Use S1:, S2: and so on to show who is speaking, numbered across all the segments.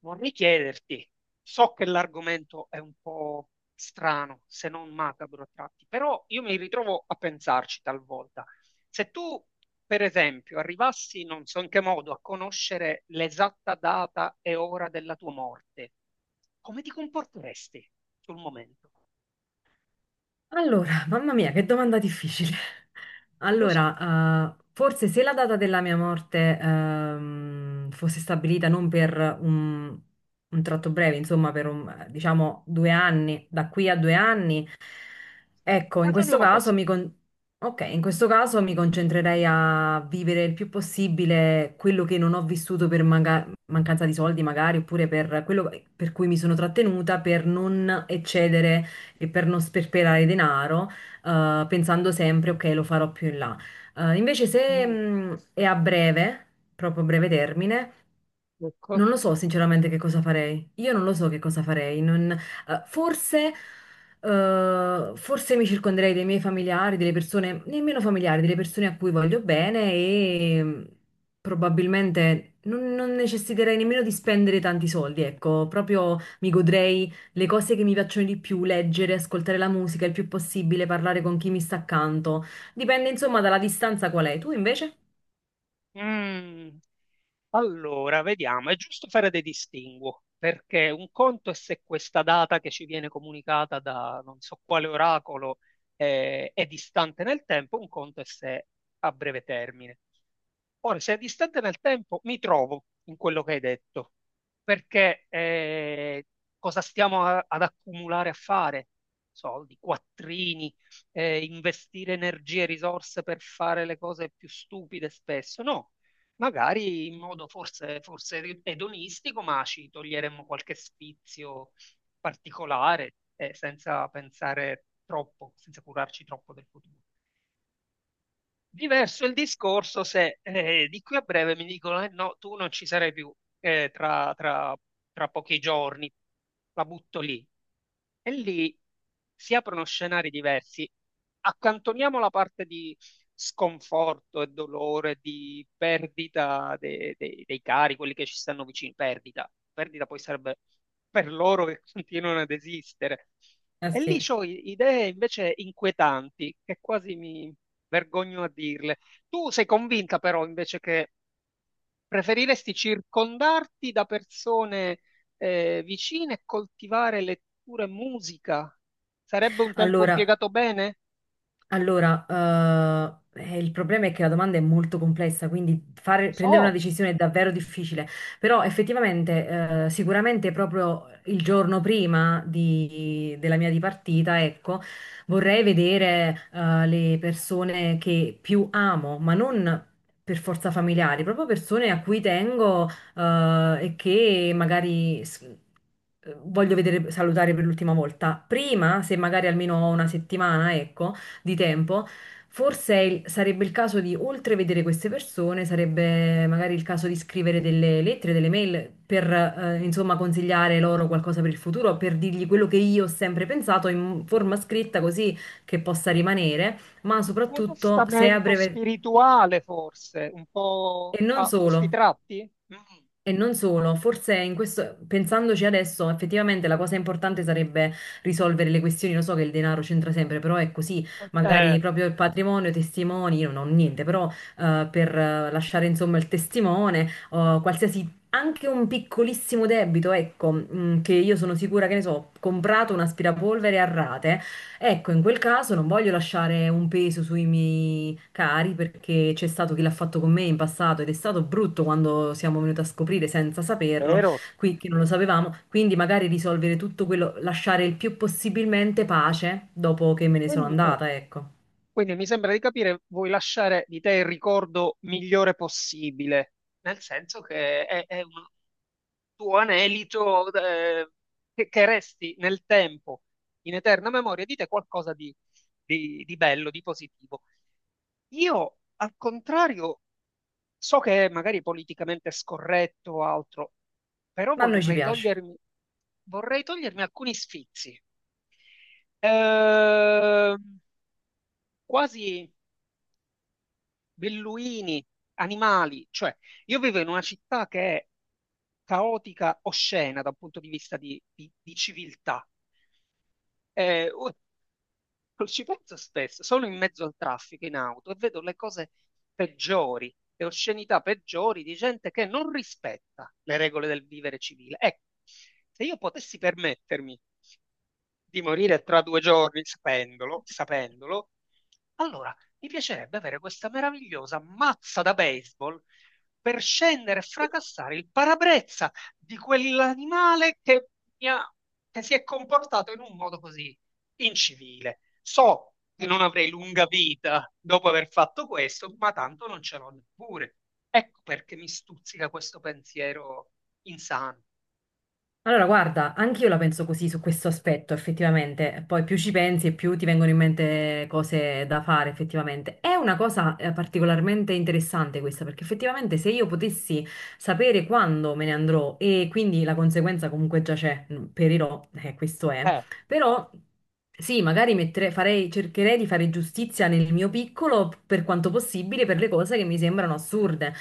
S1: Vorrei chiederti, so che l'argomento è un po' strano, se non macabro a tratti, però io mi ritrovo a pensarci talvolta. Se tu, per esempio, arrivassi, non so in che modo, a conoscere l'esatta data e ora della tua morte, come ti comporteresti sul momento?
S2: Allora, mamma mia, che domanda difficile.
S1: Non lo so.
S2: Allora, forse se la data della mia morte fosse stabilita non per un tratto breve, insomma, per diciamo 2 anni, da qui a 2 anni, ecco, in questo
S1: Ragioniamo così.
S2: caso in questo caso mi concentrerei a vivere il più possibile quello che non ho vissuto per mancanza di soldi, magari, oppure per quello per cui mi sono trattenuta, per non eccedere e per non sperperare denaro, pensando sempre, ok, lo farò più in là. Invece se
S1: Mm,
S2: è a breve, proprio a breve termine,
S1: ecco.
S2: non lo so sinceramente che cosa farei. Io non lo so che cosa farei. Forse mi circonderei dei miei familiari, delle persone, nemmeno familiari, delle persone a cui voglio bene e probabilmente non necessiterei nemmeno di spendere tanti soldi. Ecco, proprio mi godrei le cose che mi piacciono di più, leggere, ascoltare la musica il più possibile, parlare con chi mi sta accanto. Dipende insomma dalla distanza qual è. Tu invece?
S1: Mm. Allora, vediamo, è giusto fare dei distinguo, perché un conto è se questa data che ci viene comunicata da non so quale oracolo è distante nel tempo, un conto è se è a breve termine. Ora, se è distante nel tempo, mi trovo in quello che hai detto, perché cosa stiamo ad accumulare a fare? Soldi, quattrini, investire energie e risorse per fare le cose più stupide spesso? No, magari in modo forse edonistico, ma ci toglieremmo qualche sfizio particolare, senza pensare troppo, senza curarci troppo del futuro. Diverso il discorso se di qui a breve mi dicono, no, tu non ci sarai più eh, tra, tra- tra pochi giorni, la butto lì. E lì si aprono scenari diversi. Accantoniamo la parte di sconforto e dolore, di perdita dei cari, quelli che ci stanno vicini, perdita. Perdita poi sarebbe per loro che continuano ad esistere.
S2: Ah
S1: E lì
S2: sì.
S1: ho idee invece inquietanti, che quasi mi vergogno a dirle. Tu sei convinta però invece che preferiresti circondarti da persone vicine e coltivare lettura e musica? Sarebbe un tempo
S2: Allora.
S1: impiegato bene?
S2: Allora, il problema è che la domanda è molto complessa, quindi
S1: Lo
S2: prendere una
S1: so.
S2: decisione è davvero difficile, però effettivamente, sicuramente proprio il giorno prima della mia dipartita, ecco, vorrei vedere, le persone che più amo, ma non per forza familiari, proprio persone a cui tengo, e che magari... Voglio vedere, salutare per l'ultima volta. Prima, se magari almeno ho una settimana, ecco, di tempo, forse sarebbe il caso di, oltre vedere queste persone, sarebbe magari il caso di scrivere delle lettere, delle mail per, insomma, consigliare loro qualcosa per il futuro, per dirgli quello che io ho sempre pensato in forma scritta così che possa rimanere, ma
S1: Un tuo
S2: soprattutto se è a
S1: testamento
S2: breve...
S1: spirituale forse, un
S2: E
S1: po'
S2: non
S1: a
S2: solo.
S1: questi tratti? Mm.
S2: E non solo, forse in questo, pensandoci adesso, effettivamente la cosa importante sarebbe risolvere le questioni. Lo so che il denaro c'entra sempre, però è così. Magari
S1: Eh,
S2: proprio il patrimonio, i testimoni, io non ho niente, però per lasciare insomma il testimone, o qualsiasi, anche un piccolissimo debito, ecco, che io sono sicura che ne so, ho comprato un aspirapolvere a rate. Ecco, in quel caso non voglio lasciare un peso sui miei cari perché c'è stato chi l'ha fatto con me in passato ed è stato brutto quando siamo venuti a scoprire senza saperlo,
S1: vero.
S2: qui che non lo sapevamo, quindi magari risolvere tutto quello, lasciare il più possibilmente pace dopo che me ne sono
S1: Quindi ecco,
S2: andata, ecco.
S1: quindi mi sembra di capire, vuoi lasciare di te il ricordo migliore possibile, nel senso che è un tuo anelito che resti nel tempo, in eterna memoria di te qualcosa di, di bello, di positivo. Io, al contrario, so che è magari politicamente scorretto o altro, però
S2: Ma a noi ci piace.
S1: vorrei togliermi alcuni sfizi. Ehm, quasi. Belluini, animali, cioè io vivo in una città che è caotica, oscena da un punto di vista di, di civiltà. Eh, ci penso spesso, sono in mezzo al traffico in auto e vedo le cose peggiori, le oscenità peggiori di gente che non rispetta le regole del vivere civile. Ecco, se io potessi permettermi di morire tra 2 giorni sapendolo, sapendolo, allora mi piacerebbe avere questa meravigliosa mazza da baseball per scendere e fracassare il parabrezza di quell'animale che, mi ha- che si è comportato in un modo così incivile. So che non avrei lunga vita dopo aver fatto questo, ma tanto non ce l'ho neppure. Ecco perché mi stuzzica questo pensiero insano.
S2: Allora, guarda, anch'io la penso così su questo aspetto, effettivamente. Poi più ci pensi e più ti vengono in mente cose da fare, effettivamente. È una cosa particolarmente interessante questa, perché effettivamente se io potessi sapere quando me ne andrò e quindi la conseguenza comunque già c'è, mm, perirò, questo è.
S1: Eh,
S2: Però sì, magari cercherei di fare giustizia nel mio piccolo per quanto possibile per le cose che mi sembrano assurde.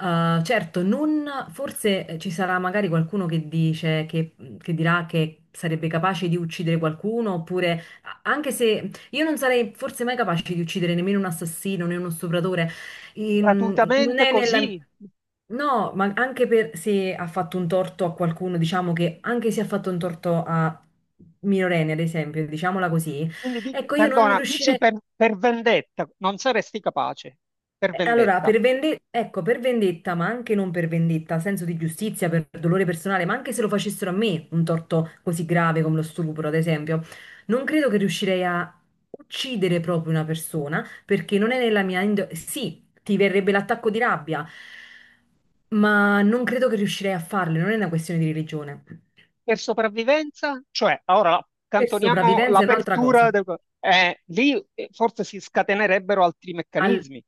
S2: Certo, non, forse ci sarà magari qualcuno che dice che dirà che sarebbe capace di uccidere qualcuno, oppure anche se io non sarei forse mai capace di uccidere nemmeno un assassino né uno stupratore. Non
S1: gratuitamente
S2: è nella...
S1: così.
S2: No, ma anche per se ha fatto un torto a qualcuno, diciamo che anche se ha fatto un torto a minorenni, ad esempio, diciamola così,
S1: Quindi,
S2: ecco, io non
S1: perdona, dici
S2: riuscirei.
S1: per vendetta, non saresti capace, per
S2: Allora,
S1: vendetta,
S2: ecco, per vendetta, ma anche non per vendetta, senso di giustizia, per dolore personale, ma anche se lo facessero a me un torto così grave come lo stupro, ad esempio, non credo che riuscirei a uccidere proprio una persona perché non è nella mia... Sì, ti verrebbe l'attacco di rabbia, ma non credo che riuscirei a farlo, non è una questione di religione.
S1: per sopravvivenza, cioè, ora
S2: Per
S1: accantoniamo
S2: sopravvivenza è un'altra
S1: l'apertura,
S2: cosa.
S1: lì forse si scatenerebbero altri
S2: Al-
S1: meccanismi,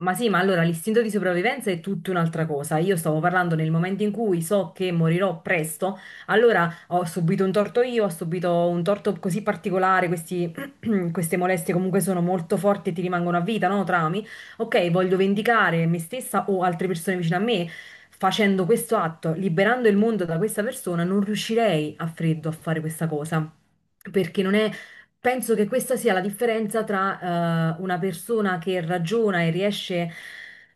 S2: Ma sì, ma allora l'istinto di sopravvivenza è tutta un'altra cosa. Io stavo parlando nel momento in cui so che morirò presto, allora ho subito un torto io, ho subito un torto così particolare, queste molestie comunque sono molto forti e ti rimangono a vita, no? Traumi. Ok, voglio vendicare me stessa o altre persone vicino a me. Facendo questo atto, liberando il mondo da questa persona, non riuscirei a freddo a fare questa cosa. Perché non è. Penso che questa sia la differenza tra una persona che ragiona e riesce,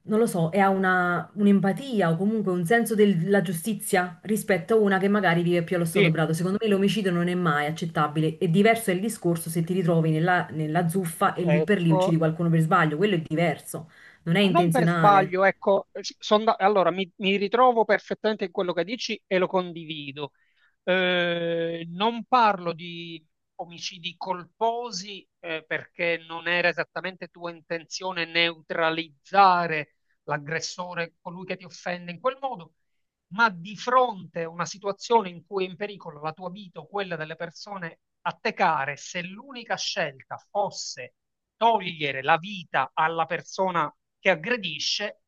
S2: non lo so, e ha una, un'empatia o comunque un senso della giustizia rispetto a una che magari vive più allo stato
S1: sì,
S2: brado. Secondo me l'omicidio non è mai accettabile. È diverso il discorso se ti ritrovi nella zuffa e lì per lì
S1: ecco,
S2: uccidi qualcuno per sbaglio. Quello è diverso, non è
S1: ma non per
S2: intenzionale.
S1: sbaglio, ecco, sì, allora mi ritrovo perfettamente in quello che dici e lo condivido. Non parlo di omicidi colposi, perché non era esattamente tua intenzione neutralizzare l'aggressore, colui che ti offende in quel modo, ma di fronte a una situazione in cui è in pericolo la tua vita o quella delle persone a te care, se l'unica scelta fosse togliere la vita alla persona che aggredisce,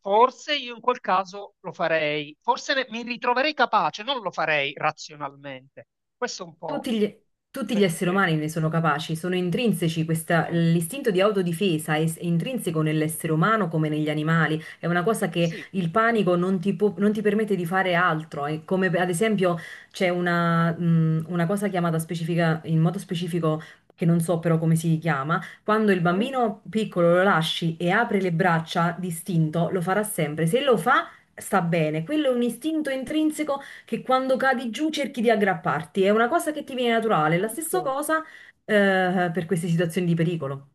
S1: forse io in quel caso lo farei, forse mi ritroverei capace, non lo farei razionalmente. Questo è un po'
S2: Tutti gli,
S1: il
S2: Tutti gli esseri
S1: pensiero.
S2: umani ne sono capaci, sono intrinseci,
S1: Eh,
S2: l'istinto di autodifesa è intrinseco nell'essere umano come negli animali, è una cosa che
S1: sì.
S2: il panico non ti, non ti permette di fare altro, è come ad esempio c'è una cosa chiamata specifica, in modo specifico, che non so però come si chiama, quando il
S1: Mhm.
S2: bambino piccolo lo lasci e apre le braccia d'istinto, lo farà sempre, se lo fa sta bene, quello è un istinto intrinseco che quando cadi giù cerchi di aggrapparti. È una cosa che ti viene naturale. La stessa
S1: Certo.
S2: cosa, per queste situazioni di pericolo.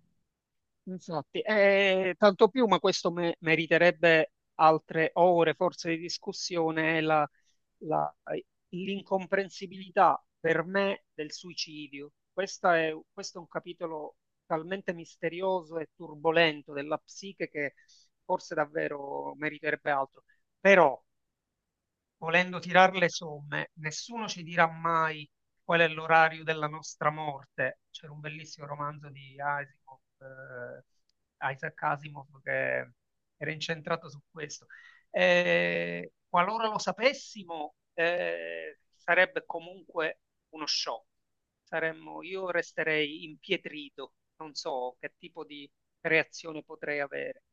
S1: Infatti, tanto più, ma questo meriterebbe altre ore forse di discussione, è la- l'incomprensibilità per me del suicidio. Questo è un capitolo talmente misterioso e turbolento della psiche che forse davvero meriterebbe altro. Però volendo tirar le somme, nessuno ci dirà mai qual è l'orario della nostra morte. C'era un bellissimo romanzo di Asimov, Isaac Asimov che era incentrato su questo. Qualora lo sapessimo, sarebbe comunque uno shock. Io resterei impietrito, non so che tipo di reazione potrei avere.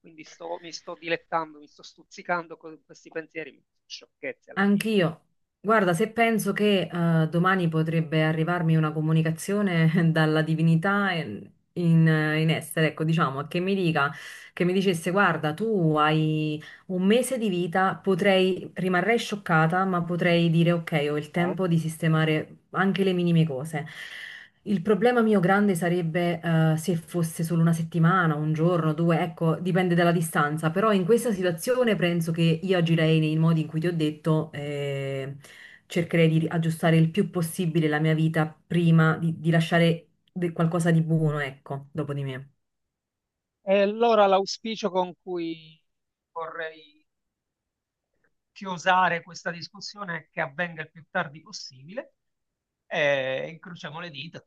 S1: Quindi mi sto dilettando, mi sto stuzzicando con questi pensieri, sciocchezze alla fine.
S2: Anch'io. Guarda, se penso che, domani potrebbe arrivarmi una comunicazione dalla divinità in essere, ecco, diciamo, che mi dicesse, guarda, tu hai un mese di vita, potrei, rimarrei scioccata, ma potrei dire, ok, ho il
S1: Eh?
S2: tempo di sistemare anche le minime cose. Il problema mio grande sarebbe se fosse solo una settimana, un giorno, due, ecco, dipende dalla distanza, però in questa situazione penso che io agirei nei modi in cui ti ho detto, cercherei di aggiustare il più possibile la mia vita prima di lasciare qualcosa di buono, ecco, dopo di me.
S1: E allora l'auspicio con cui vorrei chiosare questa discussione è che avvenga il più tardi possibile e incrociamo le dita.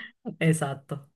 S2: Esatto.